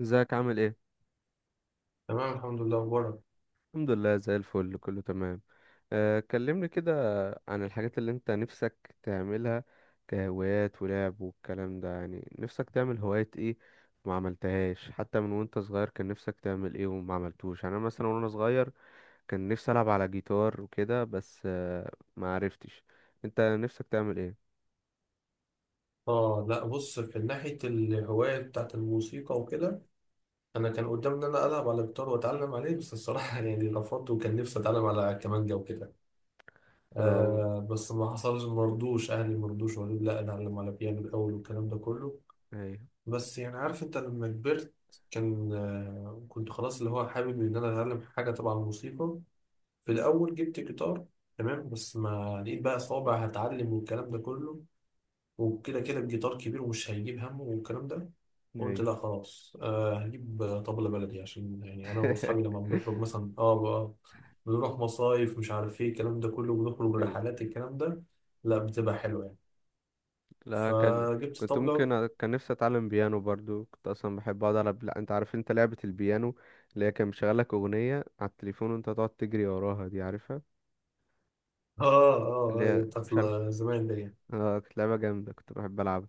ازيك؟ عامل ايه؟ تمام، الحمد لله. اخبارك؟ الحمد لله، زي الفل، كله تمام. كلمني كده عن الحاجات اللي انت نفسك تعملها، كهوايات ولعب والكلام ده. يعني نفسك تعمل هوايات ايه وما عملتهاش حتى من وانت صغير؟ كان نفسك تعمل ايه وما عملتوش؟ يعني انا مثلا وانا صغير كان نفسي العب على جيتار وكده، بس ما عرفتش. انت نفسك تعمل ايه؟ اه، لا، بص، في ناحيه الهوايه بتاعت الموسيقى وكده، انا كان قدامي ان انا العب على الجيتار واتعلم عليه، بس الصراحه يعني رفضت، وكان نفسي اتعلم على كمانجا وكده. اه. بس ما حصلش، اهلي مرضوش، وقالوا لي لا، اتعلم على بيانو الاول والكلام ده كله. ايوه. بس يعني عارف انت لما كبرت، كان كنت خلاص اللي هو حابب ان انا اتعلم حاجه تبع الموسيقى. في الاول جبت جيتار، تمام، بس ما لقيت بقى صوابع هتعلم والكلام ده كله، وكده كده الجيتار كبير ومش هيجيب همه والكلام ده. قلت ايوه. لا خلاص، هجيب طبلة بلدي عشان يعني أنا وأصحابي لما بنخرج مثلا، بقى بنروح مصايف، مش عارف إيه الكلام ده كله، بنخرج رحلات الكلام ده. لا، بتبقى حلوة يعني. لا كان، فجبت طبلة. كان نفسي اتعلم بيانو برضو، كنت اصلا بحب اقعد على انت عارف انت لعبة البيانو اللي هي كان مشغلك اغنية على التليفون وانت تقعد تجري وراها، دي عارفها؟ آه، اللي آه، هي أيوة، بتاعت مش عارف. زمان دي يعني. اه كانت لعبة جامدة، كنت بحب العبها.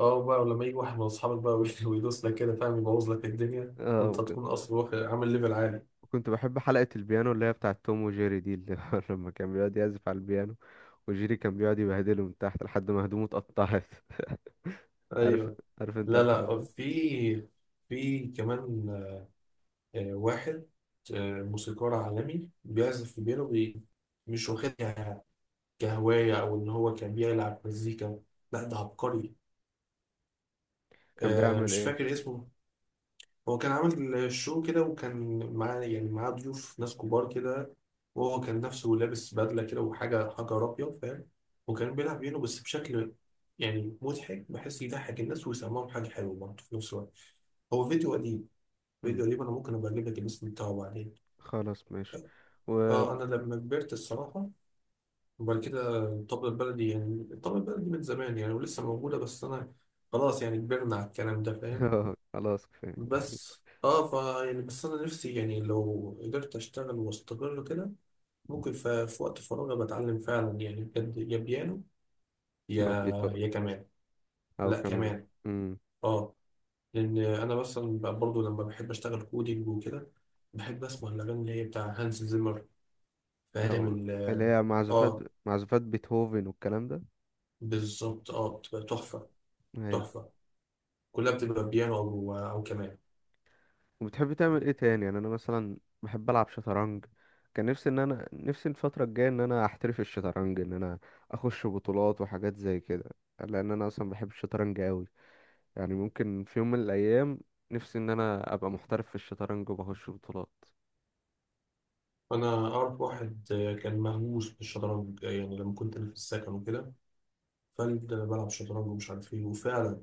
بقى ولما يجي واحد من أصحابك بقى ويدوس لك كده، فاهم، يبوظ لك الدنيا اه وأنت وكنت تكون أصلا عامل ليفل عالي. كنت بحب حلقة البيانو اللي هي بتاعة توم وجيري دي، اللي هو لما كان بيقعد يعزف على البيانو وجيري كان بيقعد يبهدله من تحت لحد ما هدومه اتقطعت. عارف؟ أيوة. عارف انت لا الحوار لا، ده؟ في كمان واحد، موسيقار عالمي بيعزف في بيانو مش واخدها كهواية أو إن هو كان بيلعب مزيكا. لا، ده عبقري. كان بيعمل مش ايه؟ فاكر اسمه. هو كان عامل شو كده، وكان معاه ضيوف ناس كبار كده، وهو كان نفسه لابس بدلة كده وحاجة حجر أبيض، فاهم. وكان بيلعب بيانو بس بشكل يعني مضحك، بحيث يضحك الناس ويسمعهم حاجة حلوة برضه في نفس الوقت. هو فيديو قديم. فيديو مم. قديم، أنا ممكن أبقى أجيب لك الاسم بتاعه بعدين. خلاص ماشي. و اه، انا لما كبرت الصراحه، وبعد كده الطبله البلدي من زمان يعني، ولسه موجوده، بس انا خلاص يعني كبرنا على الكلام ده، فاهم. خلاص كفاية. بس اه فا يعني بس انا نفسي، يعني لو قدرت اشتغل واستقر كده، ممكن في وقت فراغي بتعلم فعلا يعني بجد، يا بيانو يا أو جيتار. يا كمان. أو لا، كمان. كمان. امم اه، لان انا مثلا بقى برضه لما بحب اشتغل كودينج وكده، بحب اسمع الاغاني اللي هي بتاع هانز زيمر، فاهم أو اللي هي معزوفات، اه، معزوفات بيتهوفن والكلام ده. بالظبط، اه بتبقى تحفه، أيوة. تحفة. كلها بتبقى بيانو أو كمان. وبتحب تعمل إيه تاني؟ يعني أنا مثلا بحب ألعب شطرنج، كان نفسي إن أنا، نفسي الفترة الجاية إن أنا أحترف الشطرنج، إن أنا أخش بطولات وحاجات زي كده، لأن أنا أصلا بحب الشطرنج أوي. يعني ممكن في يوم من الأيام نفسي إن أنا أبقى محترف في الشطرنج وبخش بطولات. أنا أعرف واحد كان مهووس بالشطرنج، يعني لما كنت أنا في السكن وكده، فقال ده أنا بلعب شطرنج ومش عارف إيه. وفعلا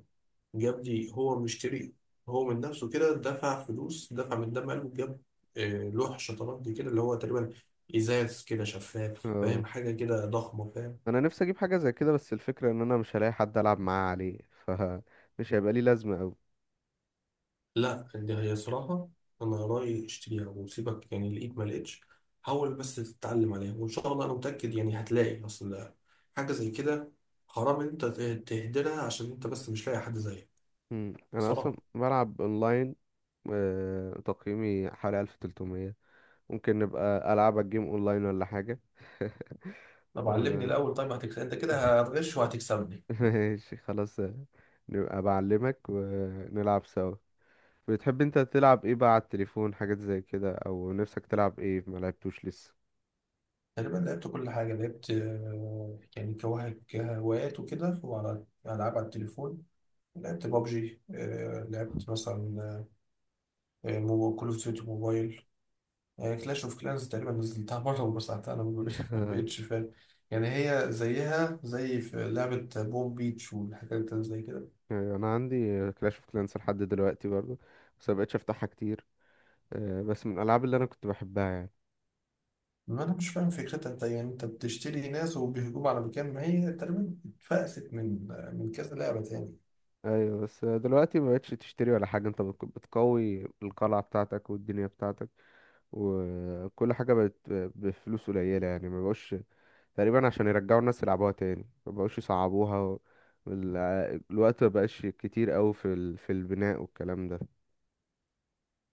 جاب لي. هو مشتري، هو من نفسه كده، دفع فلوس، دفع من دم قلبه، جاب لوح شطرنج كده، اللي هو تقريبا إزاز كده شفاف، اه فاهم، حاجة كده ضخمة، فاهم. انا نفسي اجيب حاجه زي كده، بس الفكره ان انا مش هلاقي حد العب معاه عليه، فمش هيبقى لي لازمه قوي. لا دي هي صراحة أنا رأيي اشتريها وسيبك، يعني لقيت ما لقيتش، حاول بس تتعلم عليها، وإن شاء الله أنا متأكد يعني هتلاقي، أصل حاجة زي كده حرام إن أنت تهدرها عشان أنت بس مش لاقي حد زيك. مم. انا اصلا صراحة. بلعب اونلاين. تقييمي حوالي 1300. ممكن نبقى العب الجيم اونلاين ولا حاجه. طب علمني و- الأول، طيب هتكسب أنت كده، هتغش وهتكسبني. ماشي خلاص. نبقى بعلمك ونلعب سوا. بتحب انت تلعب ايه بقى على التليفون، حاجات زي كده؟ او نفسك تلعب ايه ما لعبتوش لسه؟ تقريبا لعبت كل حاجة، لعبت يعني كهوايات وكده، وعلى ألعاب على التليفون لعبت بابجي، لعبت مثلا كول أوف ديوتي موبايل. هي كلاش اوف كلانز تقريبا نزلتها مرة ومسحتها، انا ما بقيتش، فاهم. يعني هي زيها زي في لعبة بوم بيتش والحاجات اللي زي كده، أيوة، انا عندي كلاش اوف كلانس لحد دلوقتي برضه، بس مبقتش افتحها كتير. بس من الالعاب اللي انا كنت بحبها يعني. ما انا مش فاهم فكرتها. انت بتشتري ناس وبيهجموا على مكان، ما هي تقريبا اتفقست من كذا لعبة تاني. ايوه بس دلوقتي ما بقتش تشتري ولا حاجه، انت بتقوي القلعه بتاعتك والدنيا بتاعتك، وكل حاجه بقت بفلوس قليله، يعني ما بقوش تقريبا عشان يرجعوا الناس يلعبوها تاني، ما بقوش يصعبوها وال- الوقت ما بقاش كتير قوي في في البناء والكلام ده.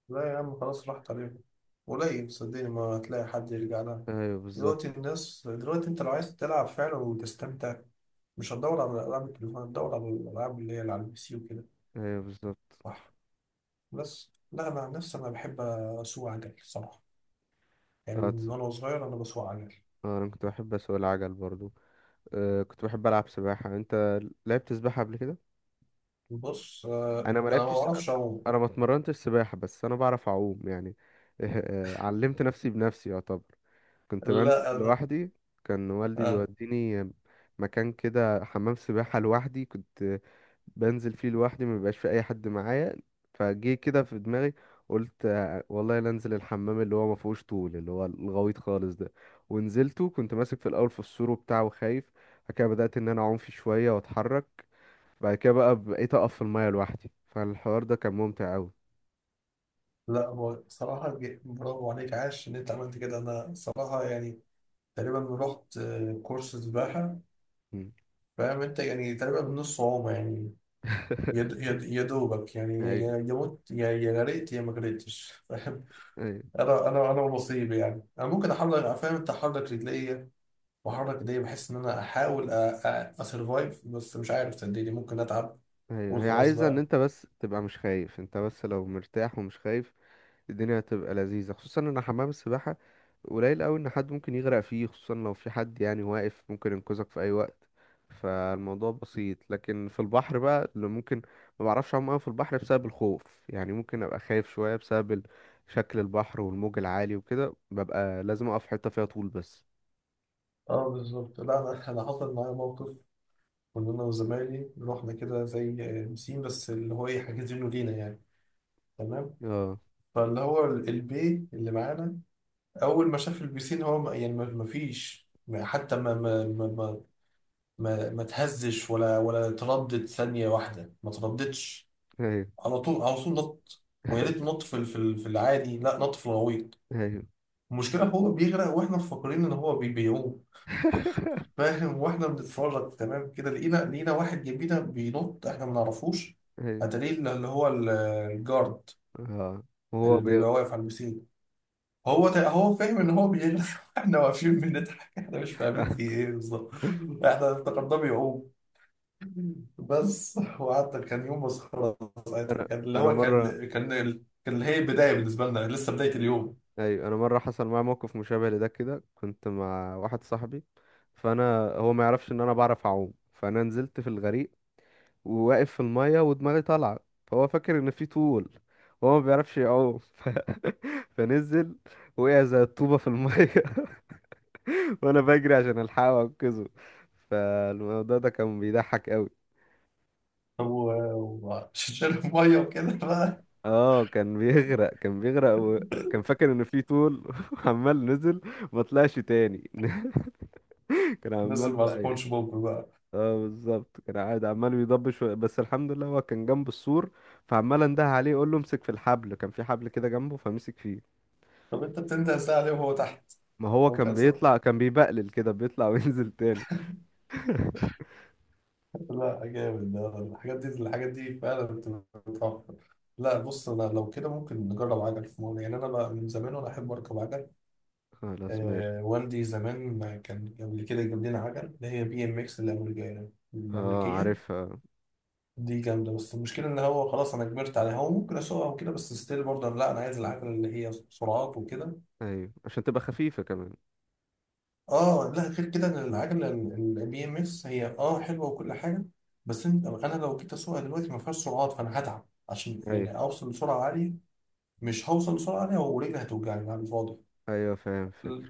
لا يا عم خلاص راحت عليهم، قليل صدقني ما هتلاقي حد يرجع لها ايوه دلوقتي. بالظبط. الناس دلوقتي انت لو عايز تلعب فعلا وتستمتع، مش هتدور على العاب التليفون، هتدور على الالعاب اللي على البي سي وكده. ايوه بالظبط. بس لا، انا عن نفسي انا بحب اسوق عجل الصراحه، يعني اه من تص- وانا صغير انا بسوق عجل. انا كنت بحب اسوق العجل برضو. أه كنت بحب العب سباحه. انت لعبت سباحه قبل كده؟ بص، انا ما انا ما لعبتش، بعرفش اعوم. انا ما اتمرنتش سباحة، بس انا بعرف اعوم يعني. علمت نفسي بنفسي يعتبر، كنت بنزل لا، انا لوحدي. كان والدي آه. بيوديني مكان كده، حمام سباحة لوحدي، كنت بنزل فيه لوحدي، ما بيبقاش في اي حد معايا. فجه كده في دماغي، قلت والله لا انزل الحمام اللي هو ما فيهوش طول، اللي هو الغويط خالص ده. ونزلته، كنت ماسك في الاول في السور وبتاع وخايف، بعد كده بدأت ان انا اعوم فيه شوية واتحرك، بعد كده بقى بقيت اقف في المايه لوحدي، فالحوار ده كان ممتع قوي. لا هو صراحه برافو عليك، عاش ان انت عملت كده. انا صراحه يعني تقريبا رحت كورس سباحه، فاهم انت، يعني تقريبا بنص عومه يعني. يا دوبك يعني، يا ايوه. يا يا مت يا غرقت يا ما غرقتش، فاهم. ايوه. انا ونصيبي، يعني انا ممكن احرك، فاهم انت، احرك رجلي، بحرك ايديا، بحس ان انا احاول اسرفايف، بس مش عارف، صدقني ممكن اتعب ايوه واقول هي خلاص عايزه ان بقى. انت بس تبقى مش خايف، انت بس لو مرتاح ومش خايف الدنيا هتبقى لذيذه. خصوصا ان حمام السباحه قليل قوي ان حد ممكن يغرق فيه، خصوصا لو في حد يعني واقف ممكن ينقذك في اي وقت، فالموضوع بسيط. لكن في البحر بقى اللي ممكن، ما بعرفش اعوم قوي في البحر بسبب الخوف، يعني ممكن ابقى خايف شويه بسبب شكل البحر والموج العالي وكده، ببقى لازم اقف في حته فيها طول بس. اه، بالظبط. لا انا أنا حصل معايا موقف، كنا انا وزمايلي رحنا كده زي بسين، بس اللي هو ايه حاجزينه لينا يعني، تمام. اه البي اللي معانا اول ما شاف البسين، هو ما فيش حتى ما ما تهزش ولا تردد ثانية واحدة ما ترددش، ايوه. على طول على طول نط. ويا ريت نط في العادي، لا نط في الغويط. ايوه. المشكلة هو بيغرق واحنا مفكرين ان هو بيعوم، فاهم. واحنا بنتفرج تمام كده، لقينا واحد جنبينا بينط، احنا ما نعرفوش. ايوه. اتاري الجارد اه وهو اللي بيبقى بيغرق. واقف على البسين. هو هو فاهم ان هو بيغرق، احنا واقفين بنضحك، احنا مش فاهمين في ايه بالظبط، احنا افتكرناه بيعوم بس، وقعدت. كان يوم مسخرة. ساعتها انا كان اللي انا هو كان مره، كان كان اللي هي البداية بالنسبة لنا، لسه بداية اليوم. ايوه انا مره حصل معايا موقف مشابه لده كده، كنت مع واحد صاحبي، فانا، هو ما يعرفش ان انا بعرف اعوم، فانا نزلت في الغريق وواقف في الميه ودماغي طالعه، فهو فاكر ان في طول. هو ما بيعرفش يعوم. فنزل، وقع زي الطوبه في الميه. وانا بجري عشان الحقه وانقذه، فالموضوع ده كان بيضحك قوي. هو شال المية وكده اه كان بيغرق، كان بيغرق وكان فاكر ان في طول. عمال نزل، ما طلعش تاني. كان عمال نزل مع بقى ي- سبونج بوب بقى. اه بالظبط، كان قاعد عمال بيضبش شوية، بس الحمد لله هو كان جنب السور، فعمال انده عليه يقول له امسك في الحبل، كان في حبل كده جنبه فمسك فيه. طب انت بتنده الساعة ليه وهو تحت؟ ما هو هو كان كان بيطلع، كان بيبقلل كده بيطلع وينزل تاني. لا، جامد ده. الحاجات دي الحاجات دي فعلا بتتوفر. لا بص، انا لو كده ممكن نجرب عجل في مرة، يعني انا بقى من زمان وانا احب اركب عجل. خلاص ماشي. آه، والدي زمان كان قبل كده جاب لنا عجل اللي هي BMX، الامريكيه اه الامريكيه عارفها. دي جامده، بس المشكله ان هو خلاص انا كبرت عليها. هو ممكن اسوقها وكده بس ستيل برضه لا انا عايز العجل اللي هي سرعات وكده. ايوه عشان تبقى خفيفة كمان. اه لا، غير كده إن العجله البي ام اس هي حلوه وكل حاجه، بس انت انا لو جيت اسوقها دلوقتي ما فيهاش سرعات، فانا هتعب عشان ايوه. يعني اوصل لسرعه عاليه، مش هوصل لسرعه عاليه ورجلي هتوجعني على الفاضي. ايوه فاهم ل- فكرة.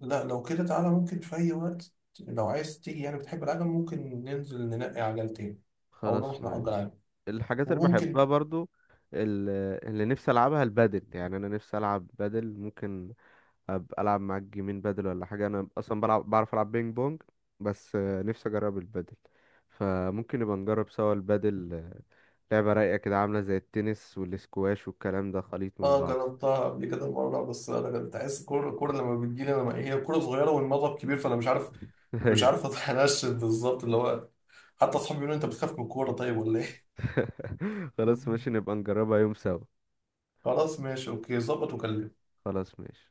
لا لو كده تعالى ممكن في اي وقت لو عايز تيجي، يعني بتحب العجل ممكن ننزل ننقي عجلتين، او خلاص نروح ماشي. نأجر عجل. الحاجات اللي بحبها وممكن برضو، ال- اللي نفسي العبها البادل، يعني انا نفسي العب بادل. ممكن ابقى العب معاك جيمين بادل ولا حاجه؟ انا اصلا بلعب، بعرف العب بينج بونج، بس نفسي اجرب البادل، فممكن نبقى نجرب سوا البادل. لعبه رايقه كده، عامله زي التنس والاسكواش والكلام ده، خليط من اه بعض. جربتها قبل كده مره، بس انا كنت عايز كوره. الكوره لما بتجيلي انا هي كوره صغيره والمضرب كبير، فانا مش عارف. أيوة. اتنشن بالظبط اللي هو، حتى اصحابي بيقولوا انت بتخاف من الكوره طيب ولا ايه. خلاص ماشي، نبقى نجربها يوم سوا. خلاص ماشي، اوكي، ظبط وكلمني. خلاص ماشي.